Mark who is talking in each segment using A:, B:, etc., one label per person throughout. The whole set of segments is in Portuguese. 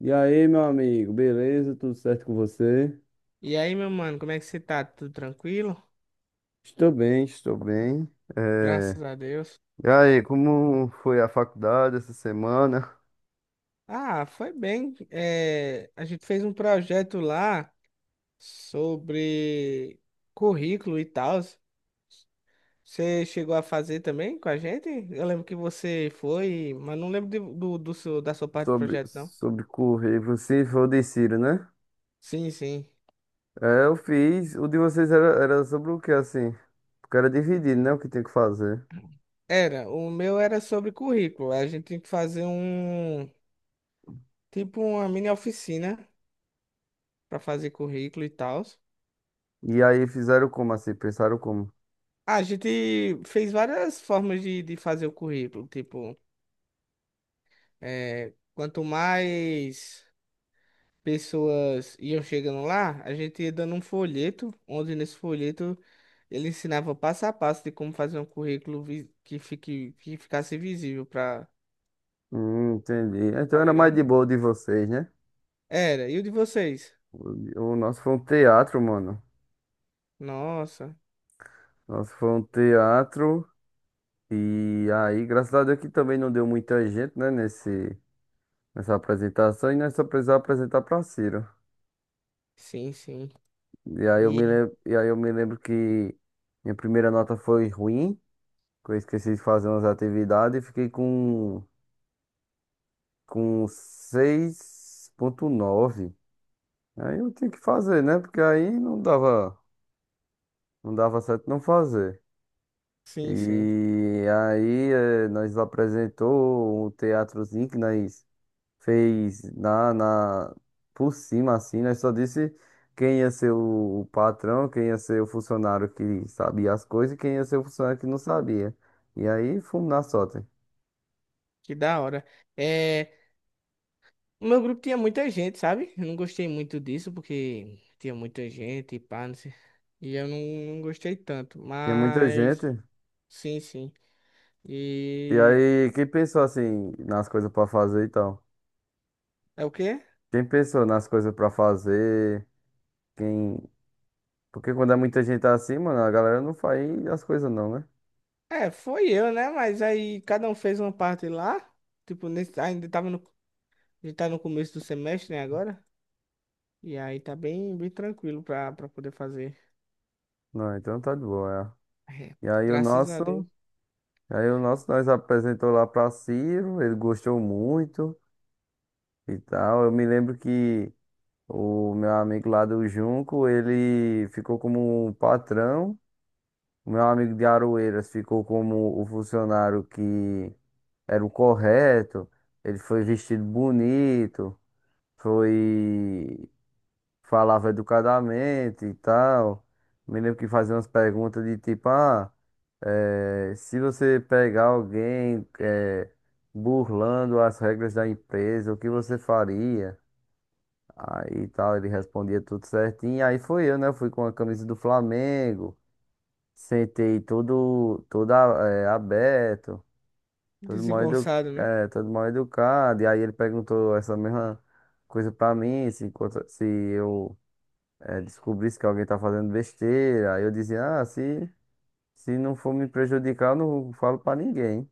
A: E aí, meu amigo, beleza? Tudo certo com você?
B: E aí, meu mano, como é que você tá? Tudo tranquilo?
A: Estou bem, estou bem. Eh,
B: Graças a Deus.
A: E aí, como foi a faculdade essa semana?
B: Ah, foi bem. É, a gente fez um projeto lá sobre currículo e tal. Você chegou a fazer também com a gente? Eu lembro que você foi, mas não lembro da sua parte do
A: Sobre,
B: projeto, não.
A: sobre currículo, se for de Ciro, né?
B: Sim, sim.
A: É, eu fiz. O de vocês era, sobre o que, assim? Porque era dividido, né? O que tem que fazer.
B: Era. O meu era sobre currículo. A gente tinha que fazer um, tipo uma mini oficina para fazer currículo e tal.
A: E aí fizeram como, assim? Pensaram como?
B: A gente fez várias formas de fazer o currículo. Tipo, é, quanto mais pessoas iam chegando lá, a gente ia dando um folheto, onde nesse folheto ele ensinava passo a passo de como fazer um currículo que ficasse visível para
A: Entendi. Então
B: tá
A: era mais
B: ligado?
A: de boa o de vocês, né?
B: Era, e o de vocês?
A: O, o nosso foi um teatro, mano.
B: Nossa,
A: Nosso foi um teatro. E aí, graças a Deus que também não deu muita gente, né, nessa apresentação, e nós só precisávamos apresentar para Ciro.
B: sim, sim.
A: E aí eu me
B: E
A: lembro, e aí eu me lembro que minha primeira nota foi ruim, que eu esqueci de fazer umas atividades e fiquei com 6,9. Aí eu tinha que fazer, né? Porque aí não dava, não dava certo não fazer.
B: sim, sim.
A: E aí nós apresentou um teatrozinho que nós fez na por cima assim, nós só disse quem ia ser o patrão, quem ia ser o funcionário que sabia as coisas e quem ia ser o funcionário que não sabia. E aí fomos na sorte.
B: Que da hora. É, o meu grupo tinha muita gente, sabe? Eu não gostei muito disso, porque tinha muita gente e pá, não sei. E eu não, não gostei tanto,
A: Tinha muita
B: mas
A: gente.
B: sim, sim.
A: E
B: E
A: aí quem pensou assim nas coisas pra fazer e tal?
B: é o quê?
A: Quem pensou nas coisas pra fazer? Quem... Porque quando é muita gente assim, mano, a galera não faz as coisas não, né?
B: É, foi eu, né? Mas aí cada um fez uma parte lá. Tipo, nesse, ainda tava no, a gente tá no começo do semestre, né, agora? E aí tá bem, bem tranquilo pra poder fazer.
A: Não, então tá de boa.
B: É,
A: É. E
B: graças a Deus.
A: aí o nosso nós apresentou lá pra Ciro, ele gostou muito e tal. Eu me lembro que o meu amigo lá do Junco, ele ficou como o patrão. O meu amigo de Aroeiras ficou como o funcionário que era o correto. Ele foi vestido bonito, foi, falava educadamente e tal. Me lembro que fazia umas perguntas de tipo, ah, se você pegar alguém burlando as regras da empresa, o que você faria? Aí tal, ele respondia tudo certinho. Aí foi eu, né? Fui com a camisa do Flamengo, sentei todo, é, aberto, todo mal, edu,
B: Desengonçado, né?
A: é, todo mal educado. E aí ele perguntou essa mesma coisa pra mim, se, se eu é, descobrisse que alguém tá fazendo besteira. Aí eu dizia, ah, se não for me prejudicar, eu não falo pra ninguém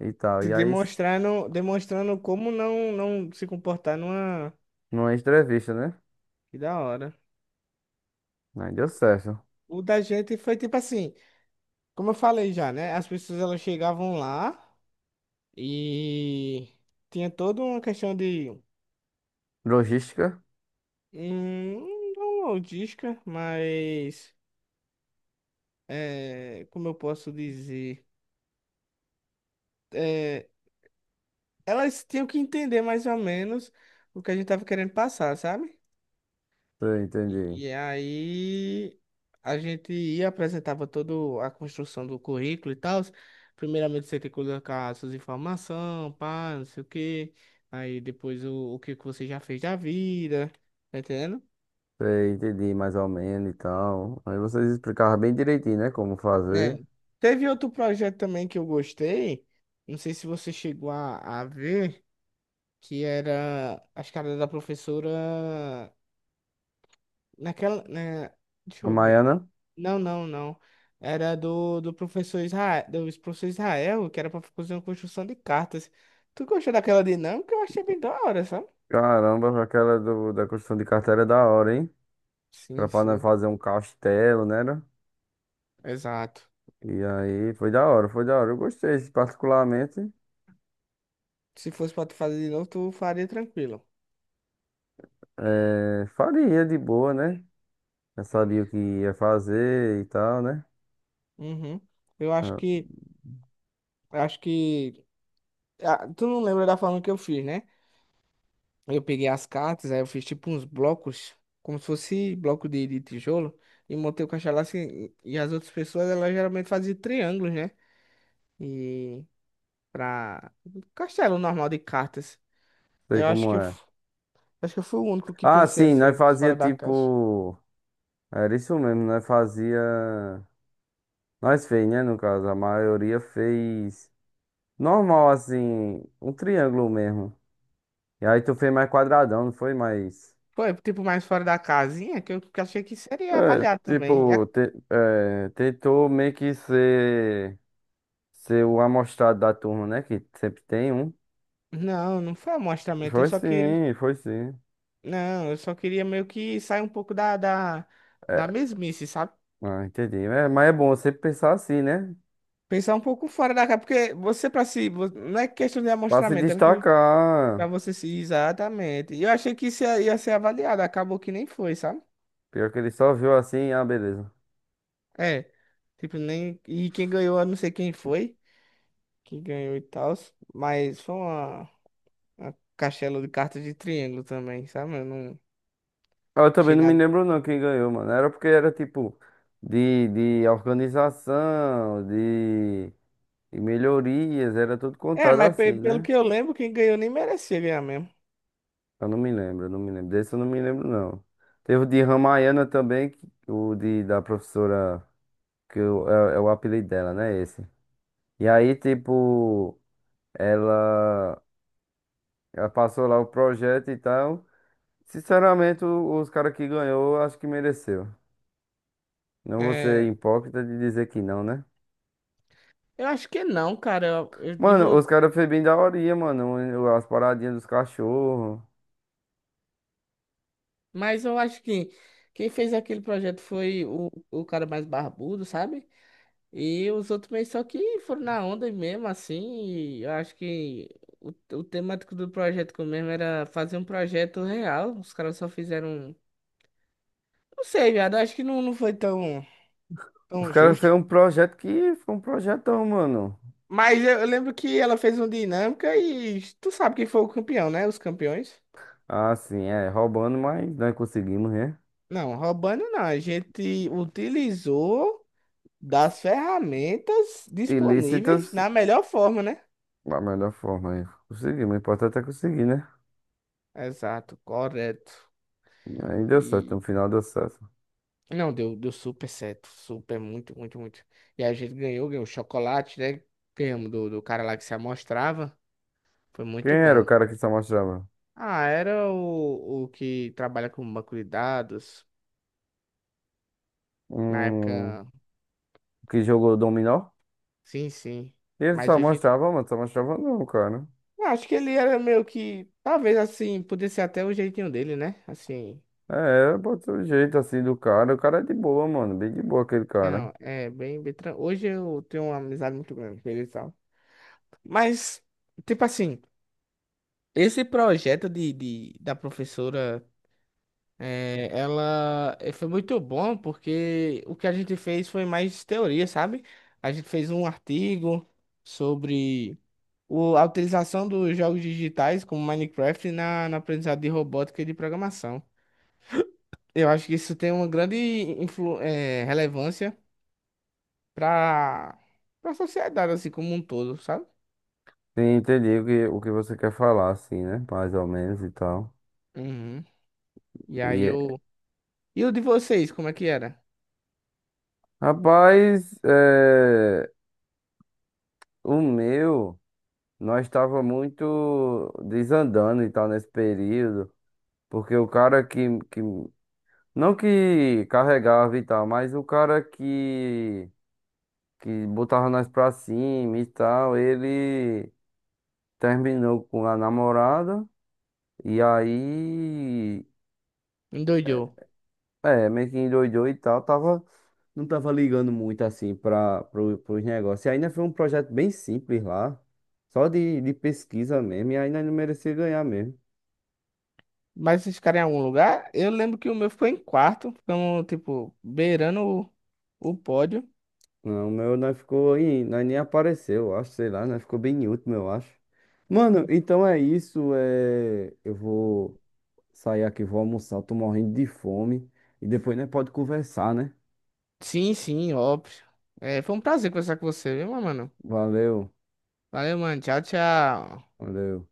A: e tal.
B: Se
A: E aí,
B: demonstrando, demonstrando como não, não se comportar numa.
A: numa entrevista, né?
B: Que da hora.
A: Aí deu certo.
B: O da gente foi tipo assim, como eu falei já, né? As pessoas elas chegavam lá e tinha toda uma questão de
A: Logística?
B: não logística, mas é, como eu posso dizer, é, elas tinham que entender mais ou menos o que a gente tava querendo passar, sabe?
A: Eu
B: E
A: entendi.
B: e aí a gente ia apresentava toda a construção do currículo e tal. Primeiramente você tem que colocar as suas informações, pá, não sei o quê. Aí depois o que que você já fez da vida, tá entendendo?
A: Sei, entendi mais ou menos e tal. Aí vocês explicavam bem direitinho, né? Como
B: É.
A: fazer.
B: Teve outro projeto também que eu gostei. Não sei se você chegou a ver, que era as caras da professora naquela, né? Deixa
A: A
B: eu ver.
A: Maiana,
B: Não, não, não. Era do professor Israel, do professor Israel, que era pra fazer uma construção de cartas. Tu gostou daquela dinâmica? Eu achei bem da hora, sabe?
A: caramba, aquela da construção de carteira é da hora, hein? Era
B: Sim,
A: pra nós
B: sim,
A: fazer um castelo, né? Era?
B: exato.
A: E aí foi da hora, foi da hora. Eu gostei, particularmente.
B: Se fosse pra tu fazer de novo, tu faria tranquilo.
A: É, faria de boa, né? Já sabia o que ia fazer e tal, né?
B: Uhum. Eu
A: Ah,
B: acho que, ah, tu não lembra da forma que eu fiz, né? Eu peguei as cartas, aí eu fiz tipo uns blocos, como se fosse bloco de tijolo, e montei o caixa lá assim, e as outras pessoas, elas geralmente faziam triângulos, né? E pra castelo normal de cartas.
A: sei
B: Eu acho
A: como
B: que
A: é.
B: eu fui o único que
A: Ah,
B: pensei
A: sim, nós
B: assim,
A: fazia
B: fora da caixa.
A: tipo. Era isso mesmo, nós fazia. Nós fez, né? No caso, a maioria fez. Normal, assim, um triângulo mesmo. E aí tu fez mais quadradão, não foi mais.
B: Foi, tipo, mais fora da casinha, que eu que achei que seria
A: É,
B: avaliado também.
A: tipo, tentou meio que ser, ser o amostrado da turma, né? Que sempre tem um.
B: Não, não foi amostramento, eu
A: Foi
B: só queria.
A: sim, foi sim.
B: Não, eu só queria meio que sair um pouco da
A: É,
B: mesmice, sabe?
A: ah, entendi. É, mas é bom sempre pensar assim, né?
B: Pensar um pouco fora da caixa, porque você pra si, não é questão de
A: Pra se
B: amostramento, é porque pra
A: destacar.
B: você se. Exatamente. E eu achei que isso ia ser avaliado, acabou que nem foi, sabe?
A: Pior que ele só viu assim, ah, beleza.
B: É. Tipo, nem. E quem ganhou, eu não sei quem foi. Que ganhou e tal, mas foi uma castelo de cartas de triângulo também, sabe? Eu não
A: Ah, eu também
B: achei
A: não me
B: nada.
A: lembro não quem ganhou, mano. Era porque era tipo de organização, de... E melhorias, era tudo
B: É,
A: contado
B: mas
A: assim,
B: pelo
A: né?
B: que eu lembro, quem ganhou nem merecia ganhar mesmo.
A: Eu não me lembro, eu não me lembro. Desse eu não me lembro, não. Teve o de Ramayana também, que- o de, da professora, que eu- é, é o apelido dela, né? Esse. E aí, tipo, ela, ela passou lá o projeto e tal. Sinceramente, o- os caras que ganhou, eu acho que mereceu. Não vou ser
B: É,
A: hipócrita de dizer que não, né?
B: eu acho que não, cara. Eu, eu
A: Mano,
B: digo-
A: os caras fez bem daorinha, mano. As paradinhas dos cachorros.
B: mas eu acho que quem fez aquele projeto foi o cara mais barbudo, sabe? E os outros meio só que foram na onda mesmo, assim. E eu acho que o, o temático do projeto que eu mesmo era fazer um projeto real. Os caras só fizeram. Não sei, viado. Eu acho que não, não foi tão.
A: Os
B: Tão
A: caras
B: justo.
A: fez um projeto que foi um projetão, mano.
B: Mas eu lembro que ela fez um dinâmica e tu sabe quem foi o campeão, né? Os campeões.
A: Ah, sim, é, roubando, mas nós conseguimos, né?
B: Não, roubando não. A gente utilizou das ferramentas disponíveis
A: Ilícitas,
B: na melhor forma, né?
A: da melhor forma aí. Conseguimos, o importante é conseguir, né?
B: Exato, correto.
A: Aí deu certo,
B: E
A: no final deu certo.
B: não, deu, deu super certo. Super, muito, muito, muito. E a gente ganhou, ganhou chocolate, né? Ganhamos do, do cara lá que se amostrava. Foi
A: Quem
B: muito
A: era o
B: bom.
A: cara que só mostrava?
B: Ah, era o que trabalha com banco de dados. Na
A: Hum,
B: época.
A: que jogou dominó?
B: Sim, sim.
A: Ele
B: Mas
A: só
B: hoje em dia.
A: mostrava, mano, só mostrava não, cara.
B: Eu acho que ele era meio que. Talvez assim, pudesse ser até o jeitinho dele, né? Assim.
A: É, botou o jeito assim do cara. O cara é de boa, mano, bem de boa aquele
B: É,
A: cara.
B: não, é bem, bem. Hoje eu tenho uma amizade muito grande com ele e tal. Mas, tipo assim, esse projeto da professora, foi muito bom porque o que a gente fez foi mais teoria, sabe? A gente fez um artigo sobre o, a utilização dos jogos digitais como Minecraft na aprendizagem de robótica e de programação. Eu acho que isso tem uma grande relevância para para a sociedade, assim, como um todo, sabe?
A: Sim, entendi o que você quer falar, assim, né? Mais ou menos e tal.
B: Uhum. E aí
A: E, é-
B: eu. E o de vocês, como é que era?
A: rapaz, é, o meu. Nós estava muito desandando e tal nesse período, porque o cara que não que carregava e tal, mas o cara que botava nós pra cima e tal, ele terminou com a namorada e aí é,
B: Endoidou.
A: é, meio que endoidou e tal, tava não tava ligando muito assim para pros negócios. E ainda foi um projeto bem simples lá, só de pesquisa mesmo, e ainda não merecia ganhar mesmo.
B: Mas vocês ficaram em algum lugar? Eu lembro que o meu ficou em quarto, ficamos, tipo, beirando o pódio.
A: Não, o meu nós ficou aí, nós nem apareceu, eu acho, sei lá, nós ficou bem em último, eu acho. Mano, então é isso, é... eu vou sair aqui, vou almoçar, eu tô morrendo de fome e depois nós pode conversar, né?
B: Sim, sim, óbvio. É, foi um prazer conversar com você, viu, meu mano?
A: Valeu,
B: Valeu, mano. Tchau, tchau.
A: valeu.